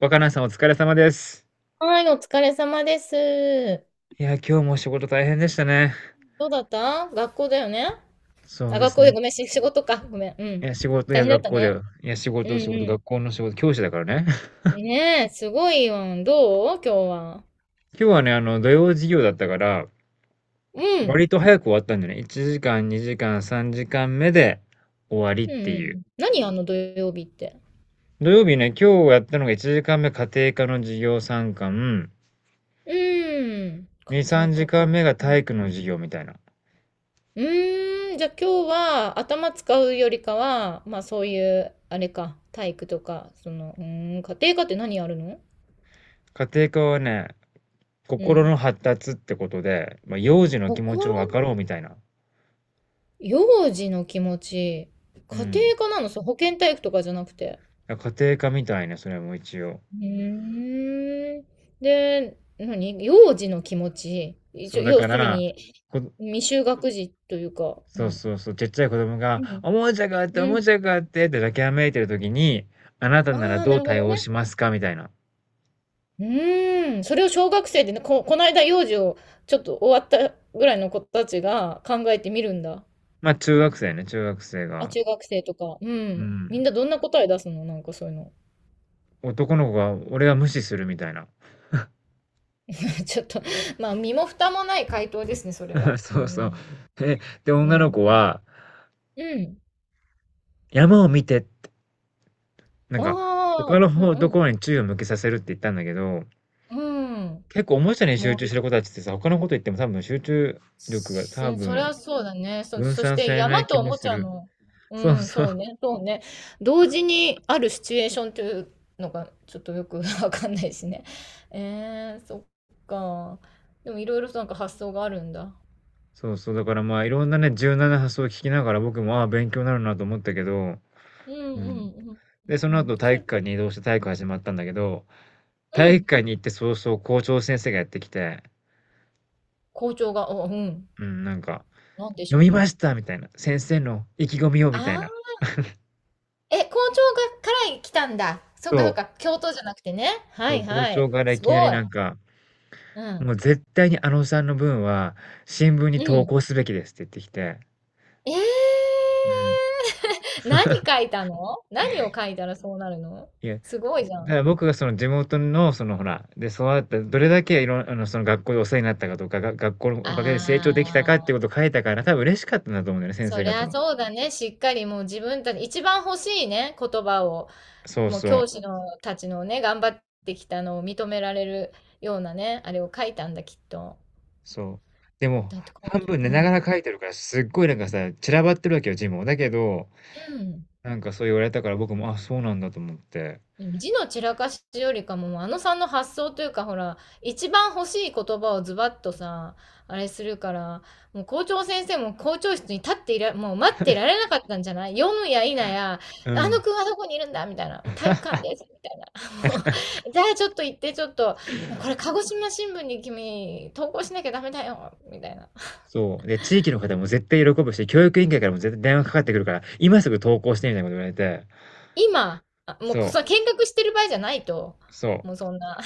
若菜さんお疲れ様です。はい、お疲れ様です。いや、今日も仕事大変でしたね。どうだった学校だよね。そうで学す校でね。ごめん、仕事か。ごめん。ういん。や、仕事大や変だっ学た校だね。よ。いや、仕うん事仕事、う学校の仕事、教師だからね。ん。ねえ、すごいよ。どう今日は？今日はね、土曜授業だったから、うん。割と早く終わったんだよね。1時間、2時間、3時間目で終わりっうんてういう。ん。何、あの土曜日って？土曜日ね、今日やったのが1時間目家庭科の授業参観、うん。家2、庭3時科か。間目がう体ん。育の授業みたいな。うじゃあ今日は頭使うよりかは、まあそういう、あれか、体育とか、その、うーん、家庭科って何やるの？家庭科はね、う心ん。の発達ってことで、まあ、幼児の気持ちを分か心、ろうみたいな。幼児の気持ち、家う庭ん。科なのそれ？保健体育とかじゃなくて。あ、家庭科みたいな、それも一応。うーん。で、何幼児の気持ち。そ一う、応だ要かするら、に、こ未就学児というか、うそうん。そうそう、ちっちゃい子供うが、ん。おもちゃがあって、おうもん。ちゃがあってって泣きわめいてる時に、あなたならああ、どなうるほ対ど応ね。しますかみたいな。うーん。それを小学生でね、この間幼児をちょっと終わったぐらいの子たちが考えてみるんだ。あ中学生ね、中学生あ、が、中学生とか。ううん。みんん。などんな答え出すの、なんかそういうの？男の子が、俺は無視するみたいな。ちょっと、まあ、身も蓋もない回答ですね、それ は。うそうそう。ん。え、で、女なのる子は、うん。山を見てって、なんあか、他あ、の方うとん。ころに注意を向けさせるって言ったんだけど、うん。結構おもちゃに集モー中ルしてると。子たちってさ、他のこと言っても多分集中力が多そりゃ分そうだね。分そし散さてれな山い気とおももすちゃる。の、うそうん、そう。そうね、そうね。同時にあるシチュエーションというのがちょっとよく わかんないしね。えー、そっか。でもいろいろとなんか発想があるんだ。そうそう。だからまあ、いろんなね、柔軟な発想を聞きながら、僕も、ああ、勉強になるなと思ったけど、うんううんん。うんで、そうん。のう後、体それ育館で、に移動して体育始まったんだけど、う体育ん。館に行って早々校長先生がやってきて、校長が、うん。うん、なんか、なんでし読ょうみまか。したみたいな、先生の意気込みをみたいな。あ校長から来たんだ。そっかそっそう、か。教頭じゃなくてね。はそいう校はい。長からいすきごなりい。なんか、うん。もう絶対にあのさんの分は新聞にう投ん。稿すべきですって言ってきて、ええ。 うん。何書いたの、何を書いたらそうなるの？いや、だかすごいじゃん。ら僕がその地元の、そのほら、で育った、どれだけいろん、その学校でお世話になったかとか、が、学校のおあかげで成長できたかっていうことあ、を書いたから、多分嬉しかったんだと思うんだよね、先そ生り方ゃも。そうだね。しっかりもう自分たち、一番欲しいね、言葉を。そうもうそ教う、師のたちのね、頑張ってきたのを認められるようなね、あれを書いたんだ、きっと。そう。でも、だって校半長。分寝うながん。ら書いてるから、すっごいなんかさ、散らばってるわけよ、字も。だけど、うん。なんかそう言われたから僕も、あ、そうなんだと思って。字の散らかしよりかも、あのさんの発想というか、ほら、一番欲しい言葉をズバッとさ、あれするから、もう校長先生も校長室に立っていら、もう待ってられなかったんじゃない？読むや否や、あうのん。君はどこにいるんだみたいな、もう体育館で す、みたいな。もう、じゃあちょっと行って、ちょっと、もうこれ鹿児島新聞に君、投稿しなきゃダメだよ、みたいな。そう。で、地域の方も絶対喜ぶし、教育委員会からも絶対電話かかってくるから、今すぐ投稿してみたいなこと言われて。今、もうこそそ見学してる場合じゃないと、そう。もうそんな。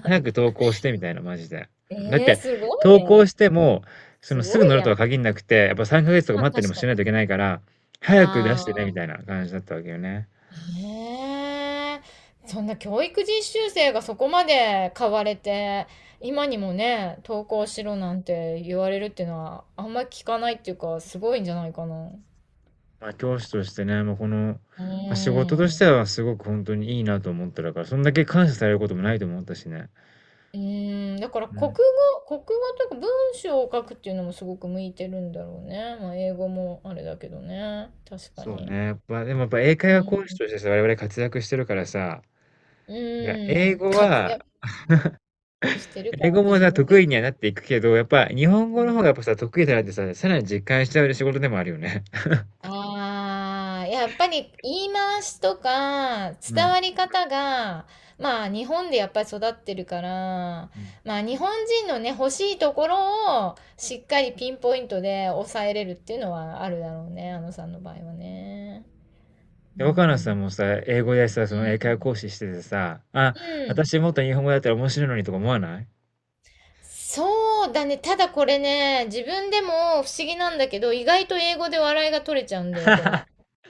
早く投稿してみたいな、マジで。えうんだっえー、て、すご投い稿ね。しても、そすのすごぐ乗いるやとはん。限んなくて、やっぱ3ヶ月とかまあ待ったりも確かしなに。いといけないから、早く出あしてね、みあ、たいな感じだったわけよね。ねえ、そんな教育実習生がそこまで買われて、今にもね、登校しろなんて言われるっていうのは、あんまり聞かないっていうか、すごいんじゃないかな。うまあ、教師としてね、もうこの、まーあ、仕事としてん。はすごく本当にいいなと思ってたから、そんだけ感謝されることもないと思ったしね。うーん、だからう国語、ん。国語というか文章を書くっていうのもすごく向いてるんだろうね。まあ英語もあれだけどね。確かそうに。ね。やっぱ、でもやっぱ英会話講師としてさ、我々活躍してるからさ、うん、いや英うん、語活は、躍してるか英らっ語ても自さ、分で言得っ意ちにゃはなっていくけど、やっぱ日本語の方がやう。っぱさ、得意だなってさ、さらに実感しちゃう仕事でもあるよね。ああ、やっぱり言い回しとかう伝ん。わり方が、まあ日本でやっぱり育ってるから、うん。まあ日本人のね、欲しいところをしっかりピンポイントで抑えれるっていうのはあるだろうね、あのさんの場合はね。うで、若菜さん。んもさ、英語でさ、その英会話講師しててさ、あ、うん。私もっと日本語だったら面白いのにとか思わないそうだね。ただこれね、自分でも不思議なんだけど、意外と英語で笑いが取れちゃうんだよ、これ。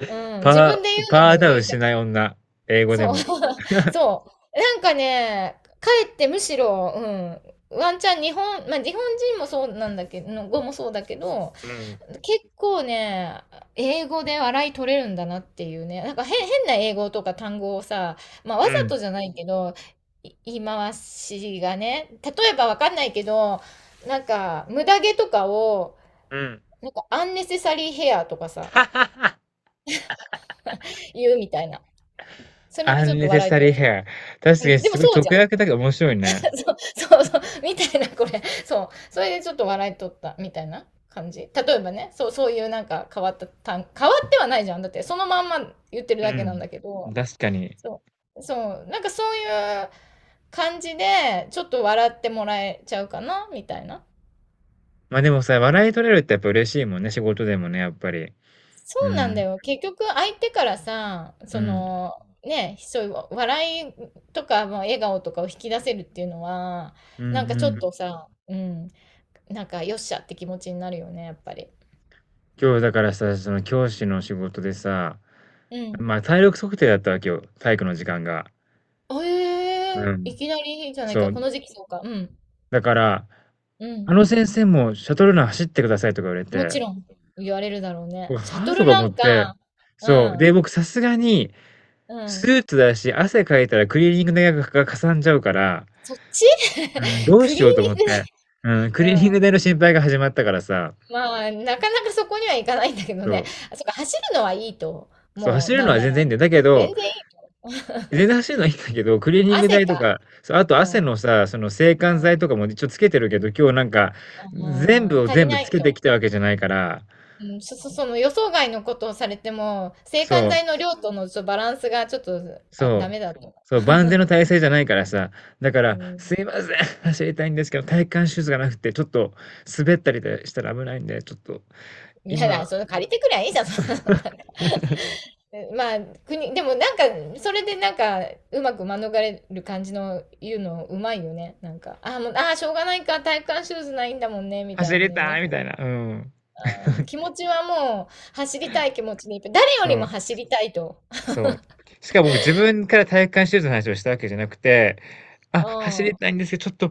うん。自パ分でー、言うのパもーダウ言ンいたしない女、英語でそう、も。そう。なんかね、かえってむしろ、うん、ワンチャン日本、まあ、日本人もそうなんだけど、の語もそうだけど、うん。結構ね、英語で笑い取れるんだなっていうね、なんか変な英語とか単語をさ、まあ、わうざん。とじゃないけど、言い回しがね、例えばわかんないけど、なんか、無駄毛とかを、うん。なんか、アンネセサリーヘアとかさ、言うみたいな。それでちょっと笑い取っ unnecessary ちゃっ hair。確た。かうん、にでもすごそいう直じゃん。訳だけど面白いね。そうそうそう、みたいな、これ。そう。それでちょっと笑いとった、みたいな感じ。例えばね、そう、そういうなんか変わった単、変わってはないじゃん。だって、そのまんま言ってるうだけなんん。だけうん。ど、確かに。そう、そう、なんかそういう感じで、ちょっと笑ってもらえちゃうかな、みたいな。まあでもさ、笑い取れるってやっぱ嬉しいもんね、仕事でもね、やっぱり。そううなんだん。よ。結局、相手からさ、うそん。の、ね、そういう笑いとか、まあ笑顔とかを引き出せるっていうのは、うんなんかちうょっん。とさ、うん、なんかよっしゃって気持ちになるよね、やっぱり。今日だからさ、その教師の仕事でさ、うん。まあ体力測定だったわけよ、体育の時間が。えうえ、ん。いきなりいいじゃないそか。こう。の時期そうか。うん。だから、うん。あの先生もシャトルラン走ってくださいとか言われもちて、ろん言われるだろううね。シャはあ？トとルかラ思っンて、か。うそう。で、ん。僕さすがにうスん。ーツだし、汗かいたらクリーニング代がかかさんじゃうから、そっち。 うん、どうクしリーようとニ思っングね。て。うん、クリうーニングん。代の心配が始まったからさ、まあ、なかなかそこには行かないんだけどそね。う。あ、そっか、走るのはいいと。そう、もう、走るなのんはな全ら、然いいんだよ。だけど、全然いい。出 だしのいいんだけど、クリーニング汗代とか。か、そう、あとうん。汗うん。のさ、その制汗剤とかも一応つけてるけど、今日なんか、全う部ん。を足り全部なついけてと。きたわけじゃないから、うん、その予想外のことをされても、制汗そ剤う、の量とのちょっとバランスがちょっと、あ、そダう、メだと。そう、万全の体制じゃないからさ、だかうら、ん。すいません、走りたいんですけど、体幹シューズがなくて、ちょっと滑ったりでしたら危ないんで、ちょっと、いや今、だ、それ借りてくりゃいいじゃん、そんなの。まあ、国、でもなんか、それでなんか、うまく免れる感じの言うのうまいよね。なんか、ああ、もう、ああ、しょうがないか、体育館シューズないんだもんね、みたい走にりね、なたいっみか。たいな、うん。あーもう気 持ちはもう、走りたい気持ちでいっぱい。誰よそりう。も走りたいと。そう。しかも僕自分から体育館シューズの話をしたわけじゃなくて、あ、う走りん。たいんですけど、ちょっと、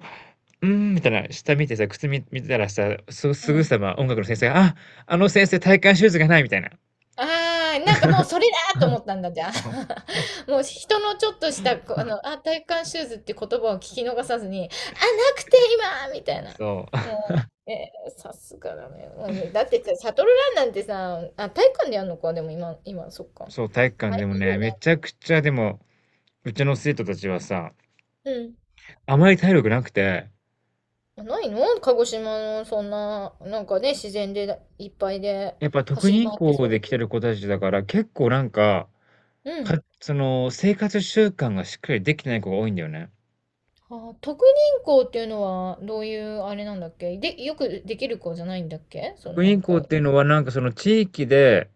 うーん、みたいな、下見てさ、靴見、見てたらさ、すうぐん。さま音楽の先生が、あ、あの先生体育館シューズがないみたいな。ああ、なんかもうそれ だと思ったんだ、じゃあ。そう、もう人のちょっとした、こうあの、あ、体感シューズって言葉を聞き逃さずに、あ、なくて今みたいな。そもう、えーさすがだね。もうね、だってさ、シャトルランなんてさ、あ、体育館でやるのか、でも今、今、そっか。そう、体育大館でも変よね、めちね。ゃくちゃでも、うちの生徒たちはさ、うん。あまり体力なくて、ないの？鹿児島の、そんな、なんかね、自然でいっぱいでやっぱ特走り任回って校そで来てる子たちだから、結構なんか、う。うん。その、生活習慣がしっかりできてない子が多いんだよね。ああ、特任校っていうのはどういうあれなんだっけ？で、よくできる子じゃないんだっけ？その職なん員校っか。ていうのは、なんかその地域で、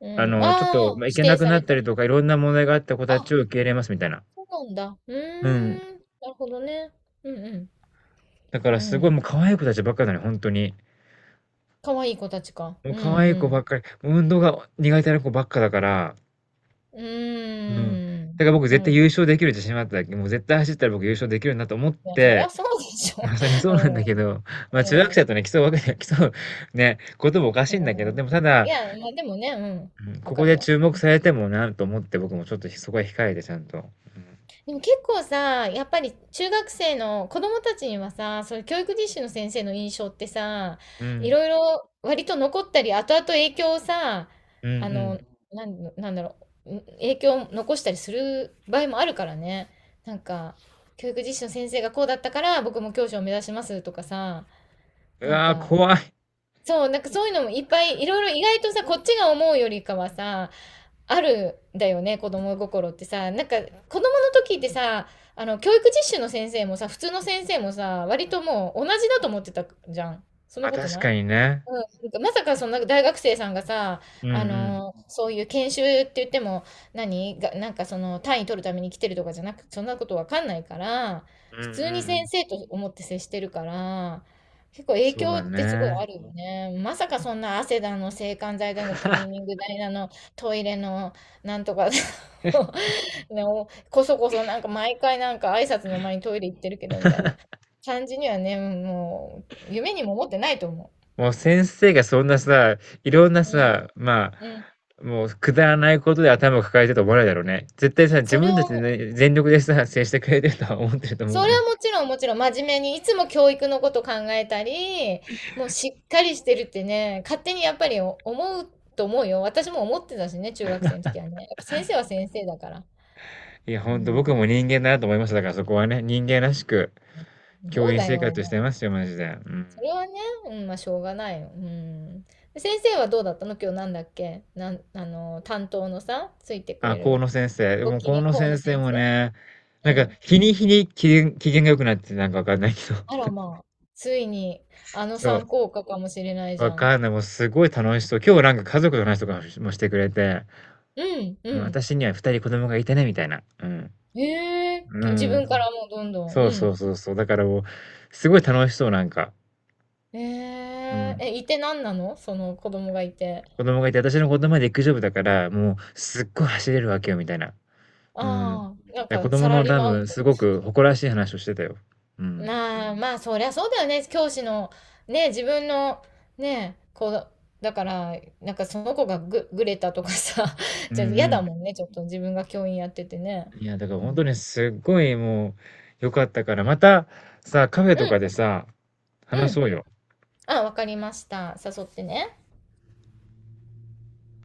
うん。ちょっああ、と、まあ、行け指な定くさなっれたた。りとか、いろんな問題があった子たあ、ちを受け入れますみたいな。そうなんだ。ううん。ーん。なるほどね。うんだかうん。らうすごいもん。う可愛い子たちばっかだねよ、ほんとに。かわいい子たちか。もううんう可愛い子ばん。っかり、運動が苦手な子ばっかだから、ううん。だーん。から僕な絶る対ほ優ど。勝できる自信はあったわけ。もう絶対走ったら僕優勝できるなと思っいや、そりゃて、そうでしょ。まあ、そりゃ そうなんだけうど、まあ、中ん。学うん。生とね、競うわけに競うね、こともおかしういんん。だけど、でもたいだ、や、まあでもね、うん。うん、わこかこるでよ。注目されてもなと思って、僕もちょっとそこは控えてちゃんと。うん。でも結構さ、やっぱり中学生の子供たちにはさ、そういう教育実習の先生の印象ってさ、ういん。ろいろ割と残ったり、後々影響をさ、うんうあの、ん。なんだろう、影響を残したりする場合もあるからね。なんか、教育実習の先生がこうだったから、僕も教師を目指しますとかさ、うなんわ、か、怖い。そう、なんかそういうのもいっぱい、いろいろ意外とさ、こっちが思うよりかはさ、あるんだよね、子供心ってさ、なんか子供の時ってさ、あの教育実習の先生もさ普通の先生もさ割ともう同じだと思ってたじゃん、そんなあ、こと確なかい。にね。うん、なんかまさかそのなんか大学生さんがさ、うんあうん。のーそういう研修って言っても何が、なんかその単位取るために来てるとかじゃなく、そんなことわかんないから、うん普う通にんう先ん。生と思って接してるから、結構影そう響だってすごいあね。るよね。まさかそんな汗だの、制汗剤だの、クリーニング代だの、トイレの、なんとかだの ね、おこそこそなんか毎回なんか挨拶の前にトイレ行ってるけどみたいな感じにはね、もう夢にも思ってないと思う。もう先生がそんなさ、いろんなうんさ、まうん。あ、もうくだらないことで頭を抱えてると思わないだろうね。絶対さ、自それ分を、たちでね、全力でさ、接してくれてるとは思ってると思うそれのよ。はもちろんもちろん真面目にいつも教育のこと考えたり、もうしっかりしてるってね、勝手にやっぱり思うと思うよ。私も思ってたしね、中学生の時はね。やっぱ先生は先生だから。いや、うほんとん。僕も人間だなと思いました。だからそこはね、人間らしくど教う員だ生よ、活してまもすう。よ、マジで。うん。それはね、うん、まあしょうがないよ。うん。で先生はどうだったの今日？なんだっけ、あの、担当のさ、ついてくあ、れ河る、野先生。でごも機河嫌、野河野先生先も生。ね、なんかうん。日に日に機嫌、機嫌が良くなってなんかわかんないけど。あらまあ、ついにあ のそう。参考科かもしれないじわゃん。かんない。もうすごい楽しそう。今日なんか家族の話とかもしてくれて、うん、うもうん。私には二人子供がいてね、みたいな。うん。ええ、う自ん。分からもうどんどん、うそうそうん。そうそう。だからもう、すごい楽しそう、なんか。えうえ、ん。え、いてなんなのその子供がいて。子供がいて、私の子供は陸上部だから、もうすっごい走れるわけよ、みたいな。うん。ああ、なんで子か供サラのリー多マウン分、ト。すごく誇らしい話をしてたよ。うん。まあまあ、そりゃそうだよね。教師の、ね、自分の、ね、こう、だから、なんかその子がぐれたとかさ、う んじゃあ嫌うだんもんね、ちょっと自分が教員やっててね。いや、だからう本ん。当にすっごいもう良かったから、またさ、カフェうとかん、でさ、う話ん。そうよ。あ、わかりました。誘ってね。